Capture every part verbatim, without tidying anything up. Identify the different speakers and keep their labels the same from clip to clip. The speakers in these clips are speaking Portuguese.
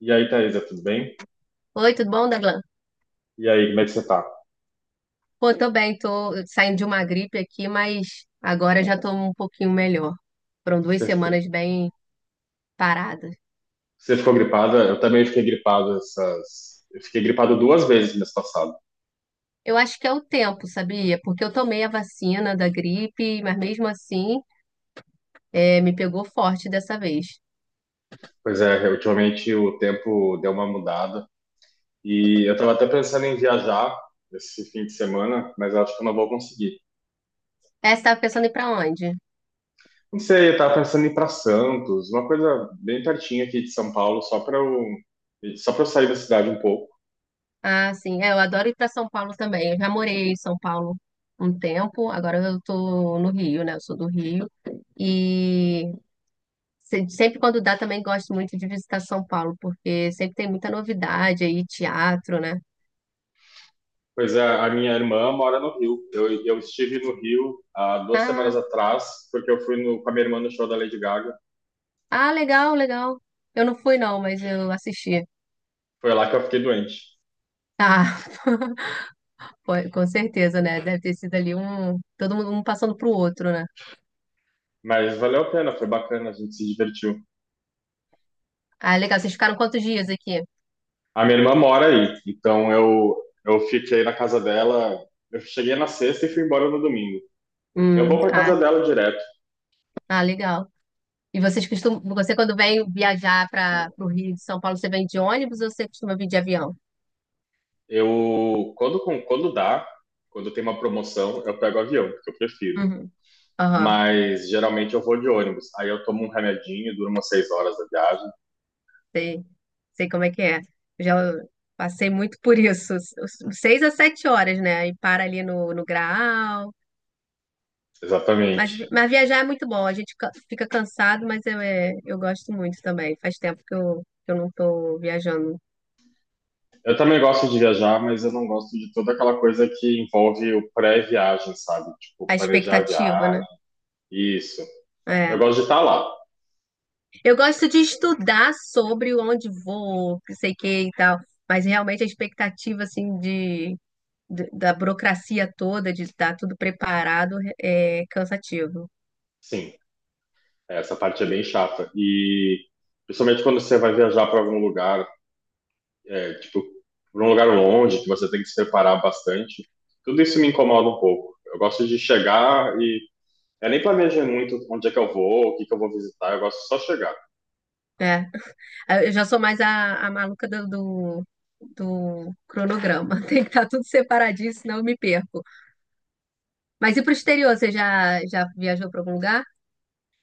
Speaker 1: E aí, Thaisa, tudo bem?
Speaker 2: Oi, tudo bom, Daglan?
Speaker 1: E aí, como é que você tá?
Speaker 2: Pô, tô bem, tô saindo de uma gripe aqui, mas agora já tô um pouquinho melhor. Foram duas
Speaker 1: Você ficou,
Speaker 2: semanas bem paradas.
Speaker 1: você ficou gripada? Eu também fiquei gripado essas. Eu fiquei gripado duas vezes mês passado.
Speaker 2: Eu acho que é o tempo, sabia? Porque eu tomei a vacina da gripe, mas mesmo assim, é, me pegou forte dessa vez.
Speaker 1: Pois é, ultimamente o tempo deu uma mudada. E eu tava até pensando em viajar esse fim de semana, mas eu acho que eu não vou conseguir.
Speaker 2: É, você tava pensando em ir pra onde?
Speaker 1: Não sei, eu tava pensando em ir pra Santos, uma coisa bem pertinho aqui de São Paulo, só pra eu, só pra eu sair da cidade um pouco.
Speaker 2: Ah, sim, é, eu adoro ir pra São Paulo também. Eu já morei em São Paulo um tempo, agora eu tô no Rio, né? Eu sou do Rio. E Se- Sempre quando dá, também gosto muito de visitar São Paulo, porque sempre tem muita novidade aí, teatro, né?
Speaker 1: Pois é, a minha irmã mora no Rio. Eu, eu estive no Rio há duas semanas
Speaker 2: Ah,
Speaker 1: atrás, porque eu fui no, com a minha irmã no show da Lady Gaga.
Speaker 2: ah, legal, legal. Eu não fui, não, mas eu assisti.
Speaker 1: Foi lá que eu fiquei doente.
Speaker 2: Ah, foi- com certeza, né? Deve ter sido ali um. Todo mundo um passando pro outro, né?
Speaker 1: Mas valeu a pena, foi bacana, a gente se divertiu.
Speaker 2: Ah, legal. Vocês ficaram quantos dias aqui?
Speaker 1: A minha irmã mora aí, então eu, eu fiquei na casa dela. Eu cheguei na sexta e fui embora no domingo. Eu
Speaker 2: Hum,
Speaker 1: vou para casa
Speaker 2: ah,
Speaker 1: dela direto.
Speaker 2: ah, legal. E vocês costumam. Você, quando vem viajar para o Rio de São Paulo, você vem de ônibus ou você costuma vir de avião?
Speaker 1: Eu, quando, com- quando dá, quando tem uma promoção, eu pego avião, porque eu prefiro.
Speaker 2: Uhum. Aham.
Speaker 1: Mas geralmente eu vou de ônibus. Aí eu tomo um remedinho, dura umas seis horas da viagem.
Speaker 2: Sei, sei como é que é. Já passei muito por isso. S- s- Seis a sete horas, né? E para ali no, no Graal.
Speaker 1: Exatamente.
Speaker 2: Mas, vi- mas viajar é muito bom. A gente ca- fica cansado, mas eu, é, eu gosto muito também. Faz tempo que eu, que eu não tô viajando.
Speaker 1: Eu também gosto de viajar, mas eu não gosto de toda aquela coisa que envolve o pré-viagem, sabe? Tipo,
Speaker 2: A
Speaker 1: planejar a
Speaker 2: expectativa, né?
Speaker 1: viagem, isso. Eu
Speaker 2: É.
Speaker 1: gosto de estar lá,
Speaker 2: Eu gosto de estudar sobre onde vou, que sei que e tal. Mas realmente a expectativa, assim, de, de- da burocracia toda, de estar tudo preparado, é é cansativo.
Speaker 1: sim. Essa parte é bem chata. E principalmente quando você vai viajar para algum lugar, é, tipo, para um lugar longe, que você tem que se preparar bastante, tudo isso me incomoda um pouco. Eu gosto de chegar e eu nem planejo muito onde é que eu vou, o que que eu vou visitar, eu gosto só de chegar.
Speaker 2: Né? Ah, eu já sou mais a, a maluca do, do, do cronograma. Tem que estar tudo separadinho, senão eu me perco. Mas e para o exterior? Você já, já viajou para algum lugar?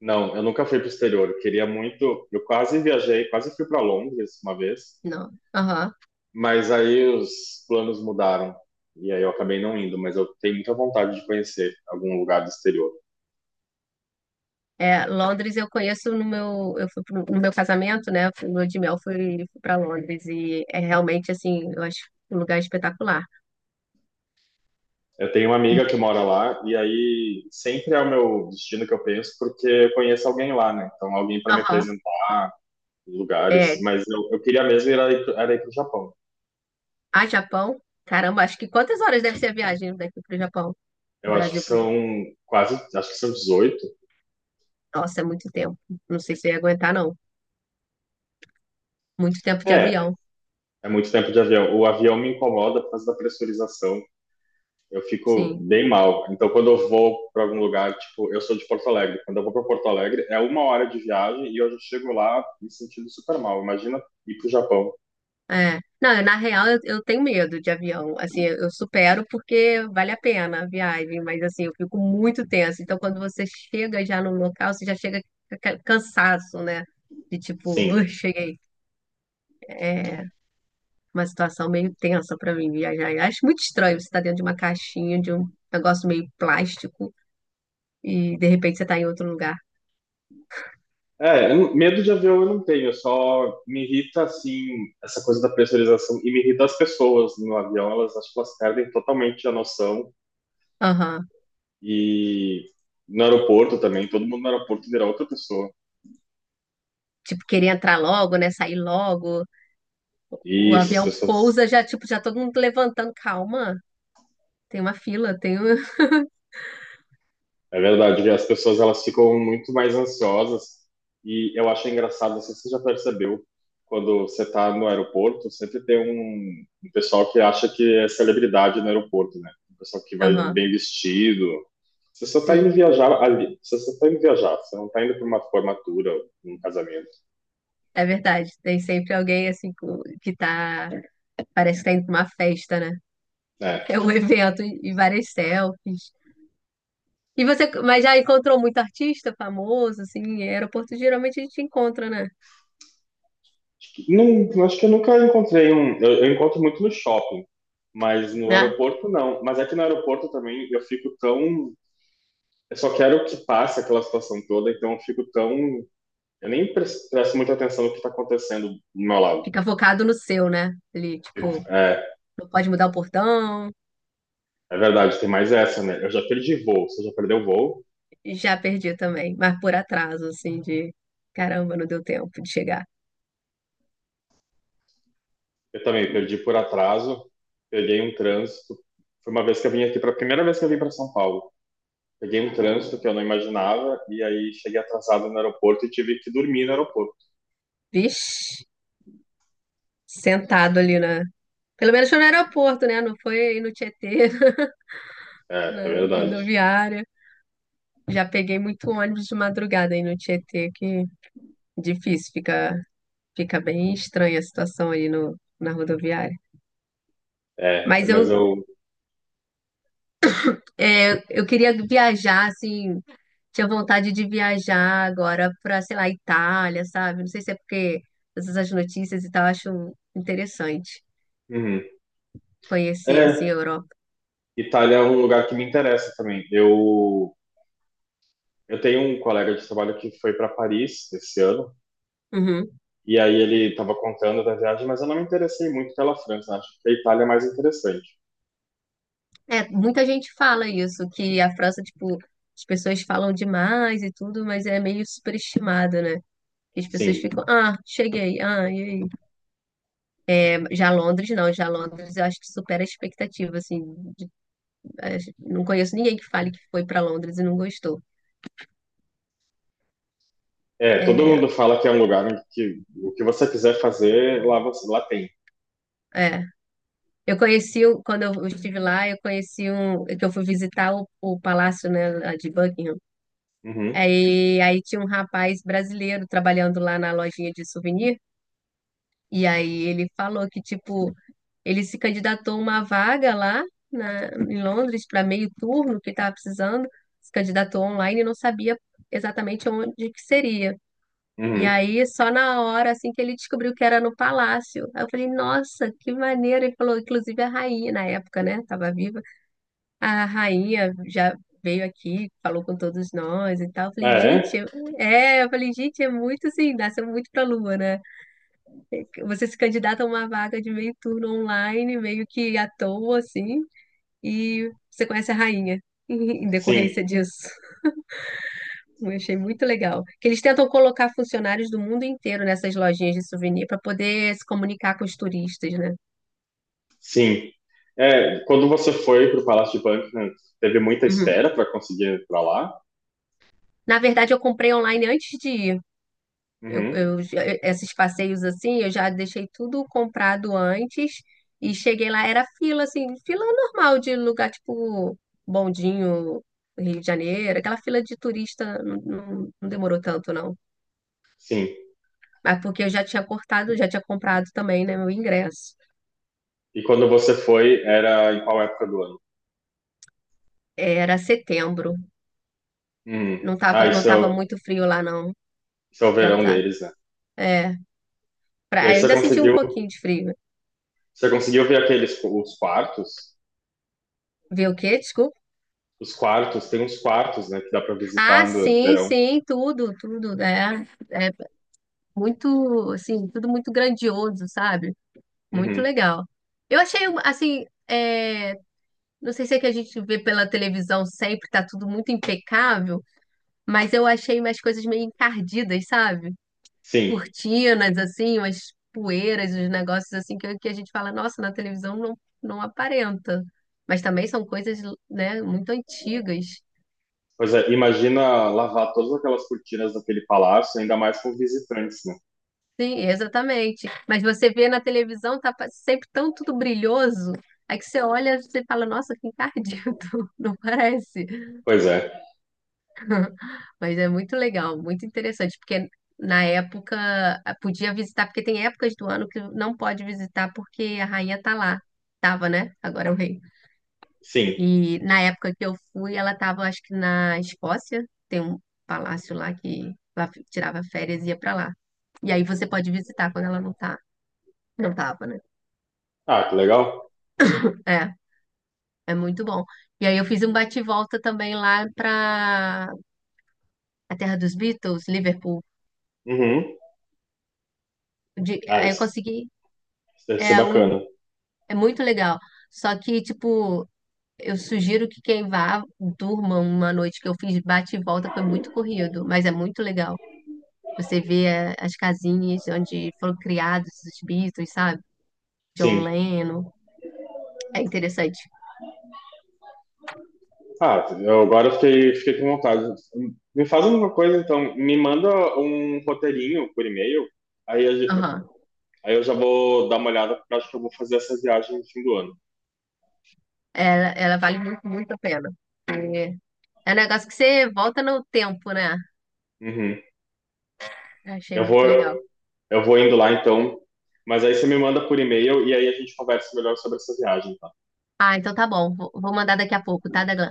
Speaker 1: Não, eu nunca fui para o exterior. Eu queria muito. Eu quase viajei, quase fui para Londres uma vez,
Speaker 2: Não. Aham.
Speaker 1: mas aí os planos mudaram e aí eu acabei não indo. Mas eu tenho muita vontade de conhecer algum lugar do exterior.
Speaker 2: É, Londres eu conheço no meu, eu fui pro- no meu casamento, né? Fui- No meu de mel fui, fui para Londres e é realmente assim, eu acho um lugar espetacular.
Speaker 1: Eu tenho uma amiga
Speaker 2: Muito.
Speaker 1: que mora lá e aí sempre é o meu destino que eu penso porque eu conheço alguém lá, né? Então alguém para me
Speaker 2: Aham.
Speaker 1: apresentar lugares.
Speaker 2: É,
Speaker 1: Mas eu, eu queria mesmo ir aí, era ir para o Japão.
Speaker 2: a Japão. Caramba, acho que quantas horas deve ser a viagem daqui para o Japão? Do
Speaker 1: Eu acho que
Speaker 2: Brasil para o
Speaker 1: são
Speaker 2: Japão.
Speaker 1: quase, acho que são dezoito.
Speaker 2: Nossa, é muito tempo. Não sei se eu ia aguentar, não. Muito tempo de
Speaker 1: É,
Speaker 2: avião.
Speaker 1: é muito tempo de avião. O avião me incomoda por causa da pressurização. Eu fico
Speaker 2: Sim.
Speaker 1: bem mal. Então, quando eu vou para algum lugar, tipo, eu sou de Porto Alegre. Quando eu vou para Porto Alegre, é uma hora de viagem e eu já chego lá me sentindo super mal. Imagina ir para o Japão.
Speaker 2: É. Não, eu, na real, eu, eu tenho medo de avião. Assim, eu, eu supero porque vale a pena a viagem, mas assim, eu fico muito tensa. Então, quando você chega já no local, você já chega com aquele cansaço, né? De tipo,
Speaker 1: Sim.
Speaker 2: "Ui, cheguei." É uma situação meio tensa pra mim viajar. Eu acho muito estranho você estar dentro de uma caixinha, de um negócio meio plástico, e de repente você tá em outro lugar.
Speaker 1: É, eu não- medo de avião eu não tenho, só me irrita, assim, essa coisa da pressurização e me irrita as pessoas no avião. Elas, acho que elas perdem totalmente a noção.
Speaker 2: Aham.
Speaker 1: E no aeroporto também, todo mundo no aeroporto vira outra pessoa.
Speaker 2: Tipo, querer entrar logo, né? Sair logo. O
Speaker 1: E essas
Speaker 2: avião
Speaker 1: pessoas.
Speaker 2: pousa, já, tipo, já todo mundo levantando. Calma, tem uma fila, tem um.
Speaker 1: É verdade, e as pessoas elas ficam muito mais ansiosas e eu acho engraçado, não sei se você já percebeu, quando você está no aeroporto, sempre tem um, um pessoal que acha que é celebridade no aeroporto, né? Um pessoal que vai
Speaker 2: Aham,
Speaker 1: bem vestido. Você só está indo
Speaker 2: sim,
Speaker 1: viajar ali, você só está indo viajar, você não está indo para uma formatura, um casamento,
Speaker 2: é verdade. Tem sempre alguém assim com- que tá, parece que tá indo pra uma festa, né?
Speaker 1: né?
Speaker 2: É um evento e e várias selfies. E você, mas já encontrou muito artista famoso, assim, em aeroporto geralmente a gente encontra, né?
Speaker 1: Acho que, não, acho que eu nunca encontrei um, eu, eu encontro muito no shopping, mas no
Speaker 2: Né?
Speaker 1: aeroporto não. Mas é que no aeroporto também eu fico tão. Eu só quero que passe aquela situação toda, então eu fico tão. Eu nem pres- presto muita atenção no que está acontecendo do meu lado.
Speaker 2: Fica focado no seu, né? Ali, tipo,
Speaker 1: É,
Speaker 2: não pode mudar o portão.
Speaker 1: é verdade, tem mais essa, né? Eu já perdi voo, você já perdeu voo?
Speaker 2: Já perdi também, mas por atraso, assim, de caramba, não deu tempo de chegar.
Speaker 1: Eu também perdi por atraso, peguei um trânsito. Foi uma vez que eu vim aqui, para a primeira vez que eu vim para São Paulo. Peguei um trânsito que eu não imaginava, e aí cheguei atrasado no aeroporto e tive que dormir no aeroporto.
Speaker 2: Vixe, sentado ali na. Pelo menos foi no aeroporto, né? Não foi no Tietê,
Speaker 1: É, é
Speaker 2: na
Speaker 1: verdade.
Speaker 2: rodoviária. Já peguei muito ônibus de madrugada aí no Tietê, que difícil, fica, fica bem estranha a situação aí no, na rodoviária.
Speaker 1: É,
Speaker 2: Mas
Speaker 1: mas
Speaker 2: eu,
Speaker 1: eu.
Speaker 2: é, eu queria viajar, assim, tinha vontade de viajar agora para, sei lá, Itália, sabe? Não sei se é porque essas notícias e tal, eu acho interessante
Speaker 1: Uhum.
Speaker 2: conhecer, assim,
Speaker 1: É,
Speaker 2: a Europa.
Speaker 1: Itália é um lugar que me interessa também. Eu Eu tenho um colega de trabalho que foi para Paris esse ano,
Speaker 2: Uhum.
Speaker 1: e aí ele estava contando da viagem, mas eu não me interessei muito pela França, né? Acho que a Itália é mais interessante.
Speaker 2: É, muita gente fala isso, que a França, tipo, as pessoas falam demais e tudo, mas é meio superestimada, né? As pessoas
Speaker 1: Sim,
Speaker 2: ficam, ah, cheguei, ah, e aí? É, já Londres, não, já Londres eu acho que supera a expectativa, assim. de- acho- não conheço ninguém que fale que foi para Londres e não gostou.
Speaker 1: é, todo
Speaker 2: É,
Speaker 1: mundo fala que é um lugar em que o que você quiser fazer, lá, você, lá tem.
Speaker 2: é. Eu conheci, o- quando eu estive lá, eu conheci um, que eu fui visitar o, o palácio, né, lá de Buckingham.
Speaker 1: Uhum,
Speaker 2: Aí, aí tinha um rapaz brasileiro trabalhando lá na lojinha de souvenir, e aí ele falou que, tipo, ele se candidatou a uma vaga lá na, em Londres para meio turno que estava precisando. Se candidatou online e não sabia exatamente onde que seria. E
Speaker 1: uhum.
Speaker 2: aí, só na hora, assim, que ele descobriu que era no palácio. Aí eu falei, nossa, que maneiro. Ele falou, inclusive a rainha, na época, né? Tava viva. A rainha já veio aqui, falou com todos nós e tal. Eu falei,
Speaker 1: É,
Speaker 2: gente, é... é, eu falei, gente, é muito assim, nasceu muito pra lua, né? Você se candidata a uma vaga de meio turno online, meio que à toa, assim, e você conhece a rainha em
Speaker 1: sim,
Speaker 2: decorrência disso. Eu achei muito legal. Que eles tentam colocar funcionários do mundo inteiro nessas lojinhas de souvenir para poder se comunicar com os turistas, né?
Speaker 1: sim. É, quando você foi para o Palácio de Buckingham, teve muita
Speaker 2: Uhum.
Speaker 1: espera para conseguir ir para lá?
Speaker 2: Na verdade, eu comprei online antes de ir. Eu,
Speaker 1: Uhum,
Speaker 2: eu já- esses passeios assim, eu já deixei tudo comprado antes e cheguei lá, era fila, assim, fila normal de lugar tipo Bondinho, Rio de Janeiro, aquela fila de turista não, não- não demorou tanto, não.
Speaker 1: sim.
Speaker 2: Mas porque eu já tinha cortado, já tinha comprado também, né, meu ingresso.
Speaker 1: E quando você foi, era em qual época do ano?
Speaker 2: Era setembro,
Speaker 1: Uhum.
Speaker 2: não
Speaker 1: Ah,
Speaker 2: tava, não
Speaker 1: isso é,
Speaker 2: tava
Speaker 1: o,
Speaker 2: muito frio lá, não.
Speaker 1: isso é o
Speaker 2: Já
Speaker 1: verão
Speaker 2: tava.
Speaker 1: deles, né?
Speaker 2: É,
Speaker 1: E
Speaker 2: pra-
Speaker 1: aí você
Speaker 2: ainda senti um
Speaker 1: conseguiu,
Speaker 2: pouquinho de frio.
Speaker 1: você conseguiu ver aqueles os quartos?
Speaker 2: Ver o quê? Desculpa.
Speaker 1: Os quartos, tem uns quartos, né, que dá para
Speaker 2: Ah,
Speaker 1: visitar no
Speaker 2: sim,
Speaker 1: verão.
Speaker 2: sim, tudo, tudo, né? É. Muito, assim, tudo muito grandioso, sabe? Muito
Speaker 1: Uhum.
Speaker 2: legal. Eu achei, um- assim, é, não sei se é que a gente vê pela televisão sempre, tá tudo muito impecável, mas eu achei umas coisas meio encardidas, sabe?
Speaker 1: Sim.
Speaker 2: Cortinas, assim, umas poeiras, uns negócios assim que, que a gente fala, nossa, na televisão não, não aparenta. Mas também são coisas, né, muito antigas.
Speaker 1: Pois é, imagina lavar todas aquelas cortinas daquele palácio, ainda mais com visitantes, né?
Speaker 2: Sim, exatamente. Mas você vê na televisão, tá pa- sempre tão tudo brilhoso. Aí que você olha, você fala, nossa, que encardido, não parece.
Speaker 1: Pois é.
Speaker 2: Mas é muito legal, muito interessante, porque na época ah, podia visitar, porque tem épocas do ano que não pode visitar porque a rainha tá lá. Tava, né? Agora é o rei.
Speaker 1: Sim.
Speaker 2: E na época que eu fui, ela tava, acho que na Escócia, tem um palácio lá que ela fi- tirava férias e ia pra lá. E aí você pode visitar quando ela não tá, não tava, né?
Speaker 1: Ah, que legal.
Speaker 2: É. É muito bom. E aí eu fiz um bate-volta também lá para a terra dos Beatles, Liverpool.
Speaker 1: Uhum.
Speaker 2: De-
Speaker 1: Ah,
Speaker 2: aí eu
Speaker 1: isso,
Speaker 2: consegui.
Speaker 1: isso deve ser
Speaker 2: É, um,
Speaker 1: bacana.
Speaker 2: é muito legal. Só que, tipo, eu sugiro que quem vá durma uma noite que eu fiz bate-volta, foi muito corrido, mas é muito legal. Você vê é, as casinhas onde foram criados os Beatles, sabe? John
Speaker 1: Sim.
Speaker 2: Lennon. É interessante.
Speaker 1: Ah, eu agora fiquei, fiquei com vontade. Me faz uma coisa, então. Me manda um roteirinho por e-mail. Aí, a gen-
Speaker 2: Aham.
Speaker 1: aí eu já vou dar uma olhada, porque eu acho que eu vou fazer essa viagem no fim do ano.
Speaker 2: Ela, ela vale muito, muito a pena. É, é um negócio que você volta no tempo, né?
Speaker 1: Uhum.
Speaker 2: Achei
Speaker 1: Eu vou,
Speaker 2: muito legal.
Speaker 1: eu vou indo lá então, mas aí você me manda por e-mail e aí a gente conversa melhor sobre essa viagem, tá?
Speaker 2: Ah, então tá bom. Vou vou mandar daqui a pouco, tá, Daglan?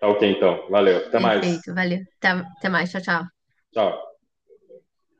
Speaker 1: Tá ok então. Valeu. Até mais.
Speaker 2: Perfeito, valeu. Até até mais, tchau, tchau.
Speaker 1: Tchau.